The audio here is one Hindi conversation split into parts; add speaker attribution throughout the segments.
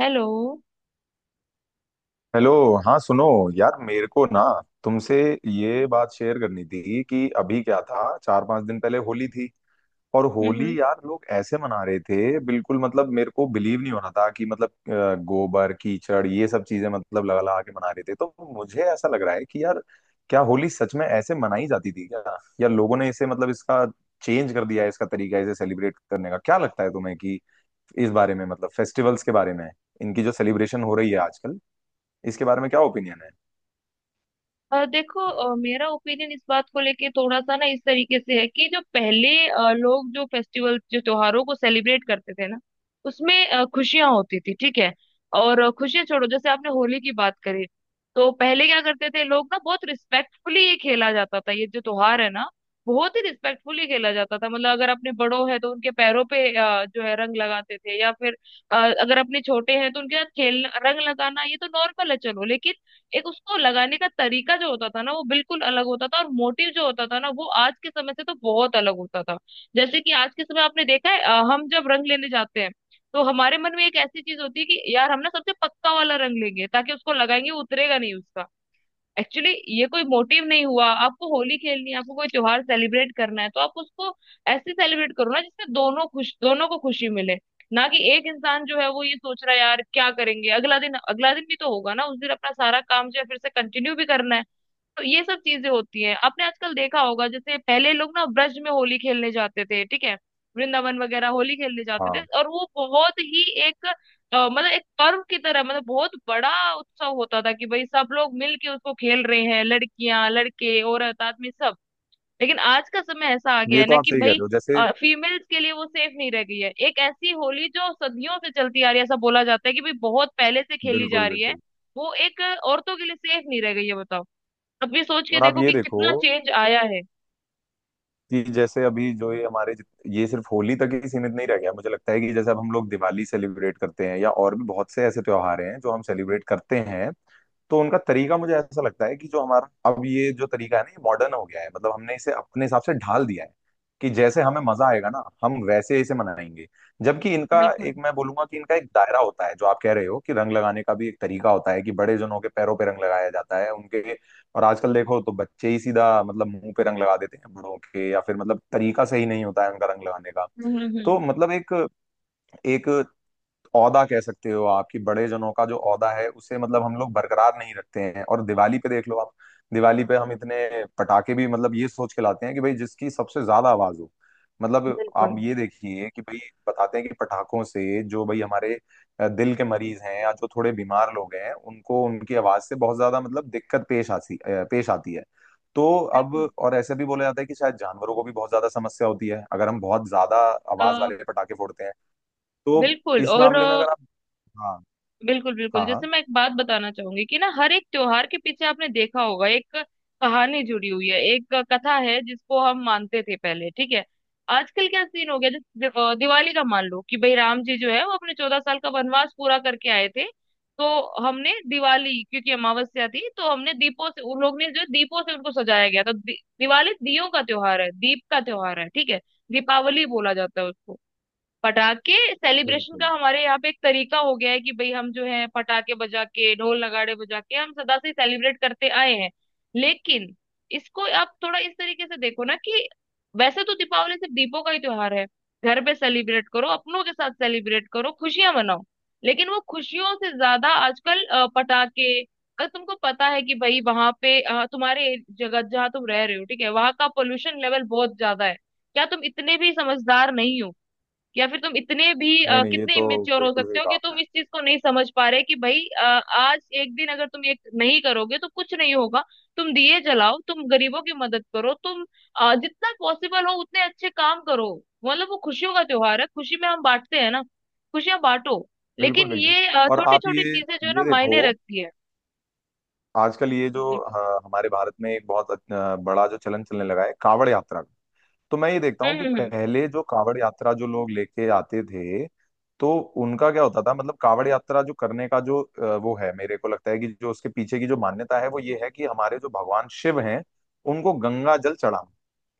Speaker 1: हेलो।
Speaker 2: हेलो। हाँ सुनो, यार मेरे को ना तुमसे ये बात शेयर करनी थी कि अभी क्या था, चार पांच दिन पहले होली थी। और
Speaker 1: हम्म हम्म।
Speaker 2: होली यार लोग ऐसे मना रहे थे, बिल्कुल मतलब मेरे को बिलीव नहीं हो रहा था कि मतलब गोबर कीचड़ ये सब चीजें मतलब लगा लगा के मना रहे थे। तो मुझे ऐसा लग रहा है कि यार क्या होली सच में ऐसे मनाई जाती थी क्या, या लोगों ने इसे मतलब इसका चेंज कर दिया है, इसका तरीका इसे सेलिब्रेट करने का। क्या लगता है तुम्हें कि इस बारे में मतलब फेस्टिवल्स के बारे में, इनकी जो सेलिब्रेशन हो रही है आजकल, इसके बारे में क्या ओपिनियन है।
Speaker 1: देखो, मेरा ओपिनियन इस बात को लेके थोड़ा सा ना इस तरीके से है कि जो पहले लोग जो फेस्टिवल जो त्योहारों को सेलिब्रेट करते थे ना, उसमें खुशियां होती थी, ठीक है। और खुशियां छोड़ो, जैसे आपने होली की बात करी, तो पहले क्या करते थे लोग ना, बहुत रिस्पेक्टफुली ये खेला जाता था, ये जो त्योहार है ना बहुत ही रिस्पेक्टफुली खेला जाता था। मतलब अगर अपने बड़ों हैं तो उनके पैरों पे जो है रंग लगाते थे, या फिर अगर अपने छोटे हैं तो उनके साथ खेलना रंग लगाना ये तो नॉर्मल है चलो। लेकिन एक उसको लगाने का तरीका जो होता था ना वो बिल्कुल अलग होता था, और मोटिव जो होता था ना वो आज के समय से तो बहुत अलग होता था। जैसे कि आज के समय आपने देखा है, हम जब रंग लेने जाते हैं तो हमारे मन में एक ऐसी चीज होती है कि यार हम ना सबसे पक्का वाला रंग लेंगे, ताकि उसको लगाएंगे वो उतरेगा नहीं उसका, एक्चुअली। ये कोई मोटिव नहीं हुआ। आपको होली खेलनी है, आपको कोई त्योहार सेलिब्रेट करना है तो आप उसको ऐसे सेलिब्रेट करो ना जिससे दोनों खुश, दोनों को खुशी मिले। ना कि एक इंसान जो है वो ये सोच रहा है यार क्या करेंगे अगला दिन, अगला दिन भी तो होगा ना, उस दिन अपना सारा काम जो है फिर से कंटिन्यू भी करना है। तो ये सब चीजें होती हैं। आपने आजकल देखा होगा, जैसे पहले लोग ना ब्रज में होली खेलने जाते थे, ठीक है, वृंदावन वगैरह होली खेलने जाते थे,
Speaker 2: हाँ,
Speaker 1: और वो बहुत ही एक मतलब एक पर्व की तरह, मतलब बहुत बड़ा उत्सव होता था कि भाई सब लोग मिल के उसको खेल रहे हैं, लड़कियां लड़के औरत आदमी सब। लेकिन आज का समय ऐसा आ गया
Speaker 2: ये
Speaker 1: है
Speaker 2: तो
Speaker 1: ना
Speaker 2: आप
Speaker 1: कि
Speaker 2: सही कह
Speaker 1: भाई
Speaker 2: रहे हो। जैसे
Speaker 1: फीमेल्स के लिए वो सेफ नहीं रह गई है। एक ऐसी होली जो सदियों से चलती आ रही है, ऐसा बोला जाता है कि भाई बहुत पहले से खेली जा
Speaker 2: बिल्कुल
Speaker 1: रही है,
Speaker 2: बिल्कुल।
Speaker 1: वो एक औरतों के लिए सेफ नहीं रह गई है, बताओ। अब ये सोच के
Speaker 2: और आप
Speaker 1: देखो
Speaker 2: ये
Speaker 1: कि
Speaker 2: देखो
Speaker 1: कितना चेंज आया है।
Speaker 2: कि जैसे अभी जो ये हमारे ये सिर्फ होली तक ही सीमित नहीं रह गया। मुझे लगता है कि जैसे अब हम लोग दिवाली सेलिब्रेट करते हैं या और भी बहुत से ऐसे त्योहार हैं जो हम सेलिब्रेट करते हैं, तो उनका तरीका मुझे ऐसा लगता है कि जो हमारा अब ये जो तरीका है ना, ये मॉडर्न हो गया है। मतलब हमने इसे अपने हिसाब से ढाल दिया है कि जैसे हमें मजा आएगा ना हम वैसे इसे मनाएंगे। जबकि इनका
Speaker 1: बिल्कुल।
Speaker 2: एक, मैं बोलूंगा कि इनका एक दायरा होता है। जो आप कह रहे हो कि रंग लगाने का भी एक तरीका होता है कि बड़े जनों के पैरों पे रंग लगाया जाता है उनके। और आजकल देखो तो बच्चे ही सीधा मतलब मुंह पे रंग लगा देते हैं बड़ों के, या फिर मतलब तरीका सही नहीं होता है उनका रंग लगाने का। तो
Speaker 1: हम्म।
Speaker 2: मतलब एक एक औदा कह सकते हो आपकी, बड़े जनों का जो औदा है उसे मतलब हम लोग बरकरार नहीं रखते हैं। और दिवाली पे देख लो आप, दिवाली पे हम इतने पटाखे भी मतलब ये सोच के लाते हैं कि भाई जिसकी सबसे ज्यादा आवाज हो। मतलब
Speaker 1: बिल्कुल
Speaker 2: आप ये देखिए कि भाई बताते हैं कि पटाखों से जो भाई हमारे दिल के मरीज हैं या जो थोड़े बीमार लोग हैं उनको उनकी आवाज से बहुत ज्यादा मतलब दिक्कत पेश आती है। तो अब
Speaker 1: बिल्कुल।
Speaker 2: और ऐसे भी बोला जाता है कि शायद जानवरों को भी बहुत ज्यादा समस्या होती है अगर हम बहुत ज्यादा
Speaker 1: अ,
Speaker 2: आवाज वाले पटाखे फोड़ते हैं। तो
Speaker 1: बिल्कुल।
Speaker 2: इस
Speaker 1: और
Speaker 2: मामले में अगर आप, हाँ।
Speaker 1: बिल्कुल बिल्कुल,
Speaker 2: हाँ
Speaker 1: जैसे
Speaker 2: हाँ
Speaker 1: मैं एक बात बताना चाहूंगी कि ना हर एक त्योहार के पीछे आपने देखा होगा एक कहानी जुड़ी हुई है, एक कथा है जिसको हम मानते थे पहले, ठीक है। आजकल क्या सीन हो गया, जैसे दिवाली का मान लो कि भाई राम जी जो है वो अपने 14 साल का वनवास पूरा करके आए थे। तो हमने दिवाली, क्योंकि अमावस्या थी तो हमने दीपों से, उन लोग ने जो दीपों से उनको सजाया गया था। दिवाली दियों का त्योहार है, दीप का त्योहार है, ठीक है। दीपावली बोला जाता है उसको। पटाखे सेलिब्रेशन का
Speaker 2: बिल्कुल।
Speaker 1: हमारे यहाँ पे एक तरीका हो गया है कि भाई हम जो है पटाखे बजा के ढोल नगाड़े बजा के हम सदा से सेलिब्रेट करते आए हैं। लेकिन इसको आप थोड़ा इस तरीके से देखो ना कि वैसे तो दीपावली सिर्फ दीपों का ही त्योहार है। घर पे सेलिब्रेट करो, अपनों के साथ सेलिब्रेट करो, खुशियां मनाओ। लेकिन वो खुशियों से ज्यादा आजकल पटाखे, अगर तुमको पता है कि भाई वहां पे तुम्हारे जगह जहाँ तुम रह रहे हो, ठीक है, वहां का पोल्यूशन लेवल बहुत ज्यादा है, क्या तुम इतने भी समझदार नहीं हो? या फिर तुम इतने भी
Speaker 2: नहीं नहीं, ये
Speaker 1: कितने
Speaker 2: तो
Speaker 1: इमेच्योर हो
Speaker 2: बिल्कुल
Speaker 1: सकते
Speaker 2: सही
Speaker 1: हो
Speaker 2: कहा
Speaker 1: कि
Speaker 2: आपने।
Speaker 1: तुम इस चीज को नहीं समझ पा रहे कि भाई आज एक दिन अगर तुम ये नहीं करोगे तो कुछ नहीं होगा। तुम दिए जलाओ, तुम गरीबों की मदद करो, तुम जितना पॉसिबल हो उतने अच्छे काम करो। मतलब वो खुशियों का त्योहार है, खुशी में हम बांटते हैं ना, खुशियां बांटो।
Speaker 2: बिल्कुल
Speaker 1: लेकिन
Speaker 2: बिल्कुल।
Speaker 1: ये
Speaker 2: और
Speaker 1: छोटी
Speaker 2: आप
Speaker 1: छोटी
Speaker 2: ये
Speaker 1: चीजें जो है ना
Speaker 2: ये देखो,
Speaker 1: मायने रखती है।
Speaker 2: आजकल ये जो
Speaker 1: बिल्कुल।
Speaker 2: हमारे भारत में एक बहुत बड़ा जो चलन चलने लगा है कांवड़ यात्रा का। तो मैं ये देखता हूँ कि
Speaker 1: हम्म
Speaker 2: पहले जो कावड़ यात्रा जो लोग लेके आते थे तो उनका क्या होता था। मतलब कावड़ यात्रा जो करने का जो वो है, मेरे को लगता है कि जो उसके पीछे की जो मान्यता है वो ये है कि हमारे जो भगवान शिव हैं उनको गंगा जल चढ़ाना।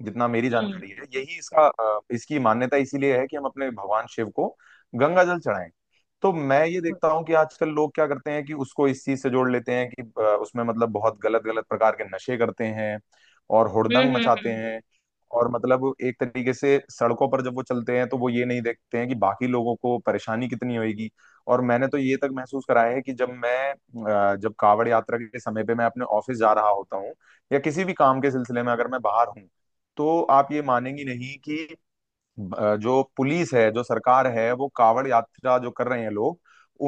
Speaker 2: जितना मेरी
Speaker 1: हम्म
Speaker 2: जानकारी है यही इसका इसकी मान्यता इसीलिए है कि हम अपने भगवान शिव को गंगा जल चढ़ाएं। तो मैं ये देखता हूँ कि आजकल लोग क्या करते हैं कि उसको इस चीज से जोड़ लेते हैं कि उसमें मतलब बहुत गलत गलत प्रकार के नशे करते हैं और हुड़दंग मचाते
Speaker 1: हम्म।
Speaker 2: हैं। और मतलब एक तरीके से सड़कों पर जब वो चलते हैं तो वो ये नहीं देखते हैं कि बाकी लोगों को परेशानी कितनी होगी। और मैंने तो ये तक महसूस कराया है कि जब जब कावड़ यात्रा के समय पे मैं अपने ऑफिस जा रहा होता हूँ या किसी भी काम के सिलसिले में अगर मैं बाहर हूँ, तो आप ये मानेंगी नहीं कि जो पुलिस है जो सरकार है वो कावड़ यात्रा जो कर रहे हैं लोग,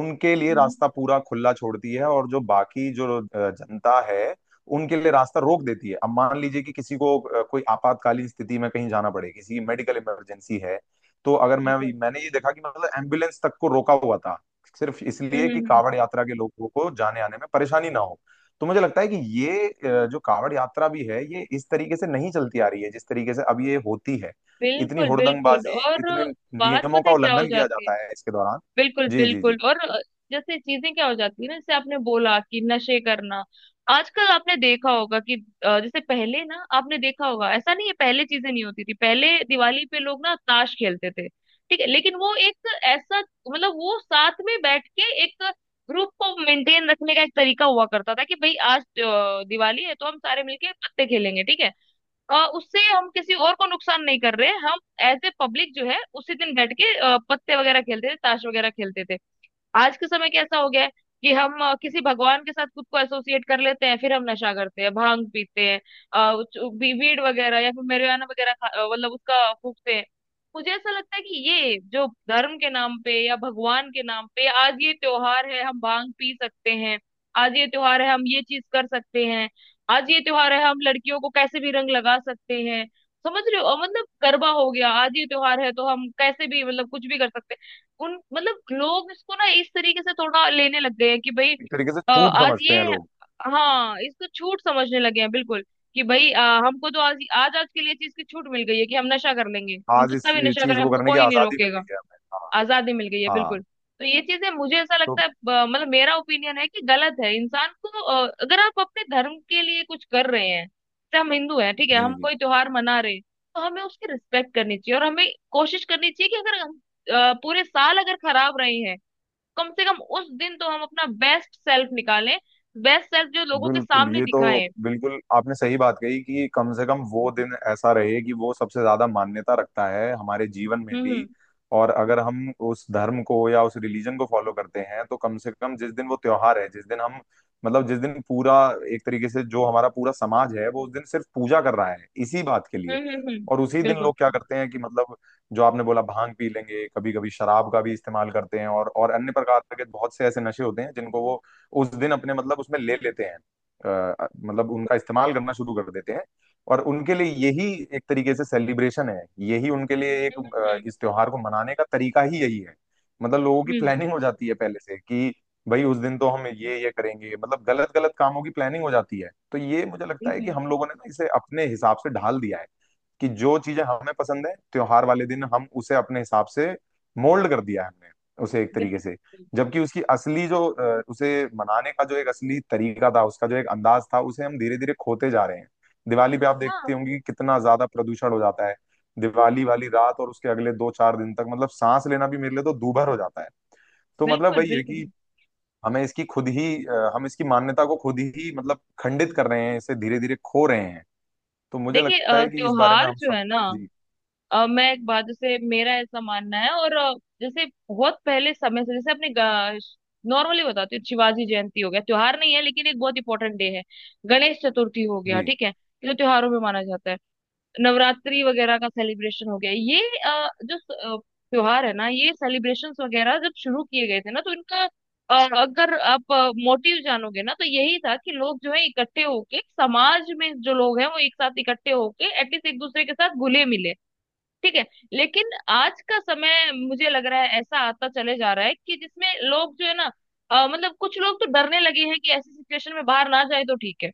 Speaker 2: उनके लिए
Speaker 1: हम्म।
Speaker 2: रास्ता पूरा खुला छोड़ती है। और जो बाकी जो जनता है उनके लिए रास्ता रोक देती है। अब मान लीजिए कि किसी को कोई आपातकालीन स्थिति में कहीं जाना पड़े, किसी की मेडिकल इमरजेंसी है, तो अगर
Speaker 1: बिल्कुल।
Speaker 2: मैंने ये देखा कि मतलब एम्बुलेंस तक को रोका हुआ था सिर्फ इसलिए कि
Speaker 1: हम्म। हम्म।
Speaker 2: कावड़ यात्रा के लोगों को जाने आने में परेशानी ना हो। तो मुझे लगता है कि ये जो कावड़ यात्रा भी है ये इस तरीके से नहीं चलती आ रही है जिस तरीके से अब ये होती है। इतनी
Speaker 1: बिल्कुल बिल्कुल।
Speaker 2: हुड़दंगबाजी,
Speaker 1: और
Speaker 2: इतने
Speaker 1: बात
Speaker 2: नियमों
Speaker 1: पता
Speaker 2: का
Speaker 1: है क्या हो
Speaker 2: उल्लंघन किया
Speaker 1: जाती है।
Speaker 2: जाता है इसके दौरान।
Speaker 1: बिल्कुल
Speaker 2: जी जी
Speaker 1: बिल्कुल।
Speaker 2: जी।
Speaker 1: और जैसे चीजें क्या हो जाती है ना, जैसे आपने बोला कि नशे करना। आजकल आपने देखा होगा कि जैसे पहले ना आपने देखा होगा, ऐसा नहीं है पहले चीजें नहीं होती थी, पहले दिवाली पे लोग ना ताश खेलते थे, ठीक है। लेकिन वो एक ऐसा, मतलब वो साथ में बैठ के एक ग्रुप को मेंटेन रखने का एक तरीका हुआ करता था कि भाई आज दिवाली है तो हम सारे मिलके पत्ते खेलेंगे, ठीक है। उससे हम किसी और को नुकसान नहीं कर रहे, हम एज ए पब्लिक जो है उसी दिन बैठ के पत्ते वगैरह खेलते थे, ताश वगैरह खेलते थे। आज के समय कैसा हो गया है कि हम किसी भगवान के साथ खुद को एसोसिएट कर लेते हैं, फिर हम नशा करते हैं, भांग पीते हैं, अ, वीड वगैरह, या फिर marijuana वगैरह मतलब उसका फूकते हैं। मुझे ऐसा लगता है कि ये जो धर्म के नाम पे या भगवान के नाम पे, आज ये त्योहार है हम भांग पी सकते हैं, आज ये त्योहार है हम ये चीज कर सकते हैं, आज ये त्योहार है हम लड़कियों को कैसे भी रंग लगा सकते हैं, समझ रहे हो? मतलब गरबा हो गया, आज ये त्योहार है तो हम कैसे भी मतलब कुछ भी कर सकते हैं। उन मतलब लोग इसको ना इस तरीके से थोड़ा लेने लग गए हैं कि भाई
Speaker 2: एक तरीके से छूट
Speaker 1: आज
Speaker 2: समझते हैं
Speaker 1: ये,
Speaker 2: लोग।
Speaker 1: हाँ इसको छूट समझने लगे हैं बिल्कुल। कि भाई हमको तो आज आज आज के लिए चीज की छूट मिल गई है कि हम नशा कर लेंगे, हम
Speaker 2: आज इस
Speaker 1: कितना भी नशा
Speaker 2: चीज
Speaker 1: करें
Speaker 2: को
Speaker 1: हमको
Speaker 2: करने की
Speaker 1: कोई नहीं
Speaker 2: आजादी मिल
Speaker 1: रोकेगा,
Speaker 2: गई है हमें। हाँ
Speaker 1: आजादी मिल गई है, बिल्कुल।
Speaker 2: हाँ।
Speaker 1: तो ये चीजें मुझे ऐसा
Speaker 2: तो
Speaker 1: लगता है मतलब मेरा ओपिनियन है कि गलत है। इंसान को अगर आप अपने धर्म के लिए कुछ कर रहे हैं, जैसे हम हिंदू हैं, ठीक है,
Speaker 2: जी
Speaker 1: हम
Speaker 2: जी।
Speaker 1: कोई त्योहार मना रहे हैं, तो हमें उसकी रिस्पेक्ट करनी चाहिए, और हमें कोशिश करनी चाहिए कि अगर हम पूरे साल अगर खराब रहे हैं, कम से कम उस दिन तो हम अपना बेस्ट सेल्फ निकालें, बेस्ट सेल्फ जो लोगों के
Speaker 2: बिल्कुल
Speaker 1: सामने
Speaker 2: ये तो,
Speaker 1: दिखाएं।
Speaker 2: बिल्कुल आपने सही बात कही कि कम से कम वो दिन ऐसा रहे कि वो सबसे ज्यादा मान्यता रखता है हमारे जीवन में
Speaker 1: हम्म
Speaker 2: भी।
Speaker 1: हम्म
Speaker 2: और अगर हम उस धर्म को या उस रिलीजन को फॉलो करते हैं तो कम से कम जिस दिन वो त्योहार है, जिस दिन हम मतलब जिस दिन पूरा एक तरीके से जो हमारा पूरा समाज है वो उस दिन सिर्फ पूजा कर रहा है इसी बात के लिए।
Speaker 1: हम्म।
Speaker 2: और उसी दिन
Speaker 1: बिल्कुल।
Speaker 2: लोग क्या करते हैं कि मतलब जो आपने बोला भांग पी लेंगे, कभी कभी शराब का भी इस्तेमाल करते हैं और अन्य प्रकार के बहुत से ऐसे नशे होते हैं जिनको वो उस दिन अपने मतलब उसमें ले लेते हैं। मतलब उनका इस्तेमाल करना शुरू कर देते हैं। और उनके लिए यही एक तरीके से सेलिब्रेशन है। यही उनके लिए एक
Speaker 1: हम्म हम्म
Speaker 2: इस त्योहार को मनाने का तरीका ही यही है। मतलब लोगों की
Speaker 1: हम्म।
Speaker 2: प्लानिंग हो जाती है पहले से कि भाई उस दिन तो हम ये करेंगे, मतलब गलत गलत कामों की प्लानिंग हो जाती है। तो ये मुझे लगता है कि
Speaker 1: बिल्कुल
Speaker 2: हम लोगों ने ना इसे अपने हिसाब से ढाल दिया है कि जो चीजें हमें पसंद है त्योहार वाले दिन हम उसे अपने हिसाब से मोल्ड कर दिया है हमने उसे एक तरीके से।
Speaker 1: बिल्कुल।
Speaker 2: जबकि उसकी असली जो उसे मनाने का जो एक असली तरीका था, उसका जो एक अंदाज था, उसे हम धीरे धीरे खोते जा रहे हैं। दिवाली पे आप
Speaker 1: हाँ।
Speaker 2: देखते होंगे कि कितना ज्यादा प्रदूषण हो जाता है दिवाली वाली रात और उसके अगले दो चार दिन तक। मतलब सांस लेना भी मेरे लिए तो दूभर हो जाता है। तो मतलब
Speaker 1: बिल्कुल
Speaker 2: वही है
Speaker 1: बिल्कुल।
Speaker 2: कि हमें इसकी खुद ही हम इसकी मान्यता को खुद ही मतलब खंडित कर रहे हैं, इसे धीरे धीरे खो रहे हैं। तो मुझे
Speaker 1: देखिए,
Speaker 2: लगता है कि इस बारे में
Speaker 1: त्योहार
Speaker 2: हम
Speaker 1: जो
Speaker 2: सब,
Speaker 1: है ना,
Speaker 2: जी
Speaker 1: मैं एक बात, जैसे मेरा ऐसा मानना है, और जैसे बहुत पहले समय से जैसे अपने नॉर्मली बताती हूँ, शिवाजी जयंती हो गया, त्योहार नहीं है लेकिन एक बहुत इंपॉर्टेंट डे है, गणेश चतुर्थी हो गया,
Speaker 2: जी।
Speaker 1: ठीक है ये तो त्योहारों में माना जाता है, नवरात्रि वगैरह का सेलिब्रेशन हो गया। ये अ, जो स- अ, त्योहार है ना, ये सेलिब्रेशंस वगैरह जब शुरू किए गए थे ना तो इनका, अ, अगर आप मोटिव जानोगे ना तो यही था कि लोग जो है इकट्ठे होके, समाज में जो लोग हैं वो एक साथ इकट्ठे होके एटलीस्ट एक दूसरे के साथ घुले मिले, ठीक है। लेकिन आज का समय मुझे लग रहा है ऐसा आता चले जा रहा है कि जिसमें लोग जो है ना मतलब कुछ लोग तो डरने लगे हैं कि ऐसी सिचुएशन में बाहर ना जाए तो ठीक है।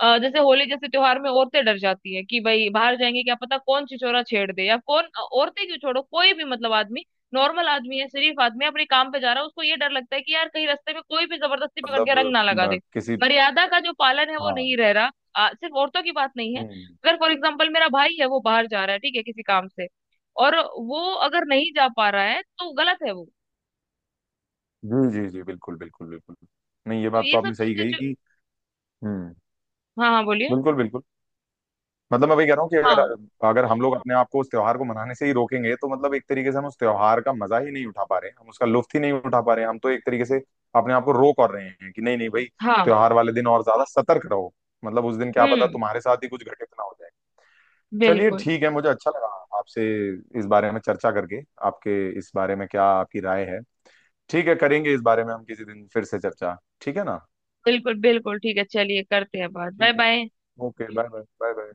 Speaker 1: जैसे होली जैसे त्योहार में औरतें डर जाती है कि भाई बाहर जाएंगे क्या पता कौन छिछोरा छेड़ दे, या कौन औरतें क्यों छोड़ो, कोई भी, मतलब आदमी, नॉर्मल आदमी है, शरीफ आदमी है, अपने काम पे जा रहा है, उसको ये डर लगता है कि यार कहीं रास्ते में कोई भी जबरदस्ती पकड़ के
Speaker 2: मतलब
Speaker 1: रंग ना लगा दे।
Speaker 2: किसी,
Speaker 1: मर्यादा का जो पालन है वो
Speaker 2: हाँ।
Speaker 1: नहीं रह रहा। सिर्फ औरतों की बात नहीं है,
Speaker 2: हम्म।
Speaker 1: अगर फॉर एग्जाम्पल मेरा भाई है, वो बाहर जा रहा है ठीक है किसी काम से, और वो अगर नहीं जा पा रहा है तो गलत है वो।
Speaker 2: जी जी जी, बिल्कुल बिल्कुल बिल्कुल। नहीं, ये
Speaker 1: तो
Speaker 2: बात तो
Speaker 1: ये सब
Speaker 2: आपने सही
Speaker 1: चीजें
Speaker 2: कही
Speaker 1: जो,
Speaker 2: कि, हम्म,
Speaker 1: हाँ हाँ बोलिए।
Speaker 2: बिल्कुल बिल्कुल। मतलब मैं वही कह रहा हूँ कि अगर
Speaker 1: हाँ
Speaker 2: अगर हम लोग अपने आप को उस त्योहार को मनाने से ही रोकेंगे तो मतलब एक तरीके से हम उस त्योहार का मजा ही नहीं उठा पा रहे हैं, हम उसका लुत्फ ही नहीं उठा पा रहे हैं। हम तो एक तरीके से अपने आप को रोक और रहे हैं कि नहीं नहीं भाई
Speaker 1: हाँ।
Speaker 2: त्योहार वाले दिन और ज्यादा सतर्क रहो, मतलब उस दिन क्या पता
Speaker 1: हम्म।
Speaker 2: तुम्हारे साथ ही कुछ घटित ना हो जाए। चलिए
Speaker 1: बिल्कुल
Speaker 2: ठीक है, मुझे अच्छा लगा आपसे इस बारे में चर्चा करके। आपके इस बारे में क्या, आपकी राय है, ठीक है। करेंगे इस बारे में हम किसी दिन फिर से चर्चा, ठीक है ना।
Speaker 1: बिल्कुल बिल्कुल ठीक है, चलिए करते हैं बात, बाय
Speaker 2: ठीक है।
Speaker 1: Bye.
Speaker 2: Okay, bye bye. Bye bye.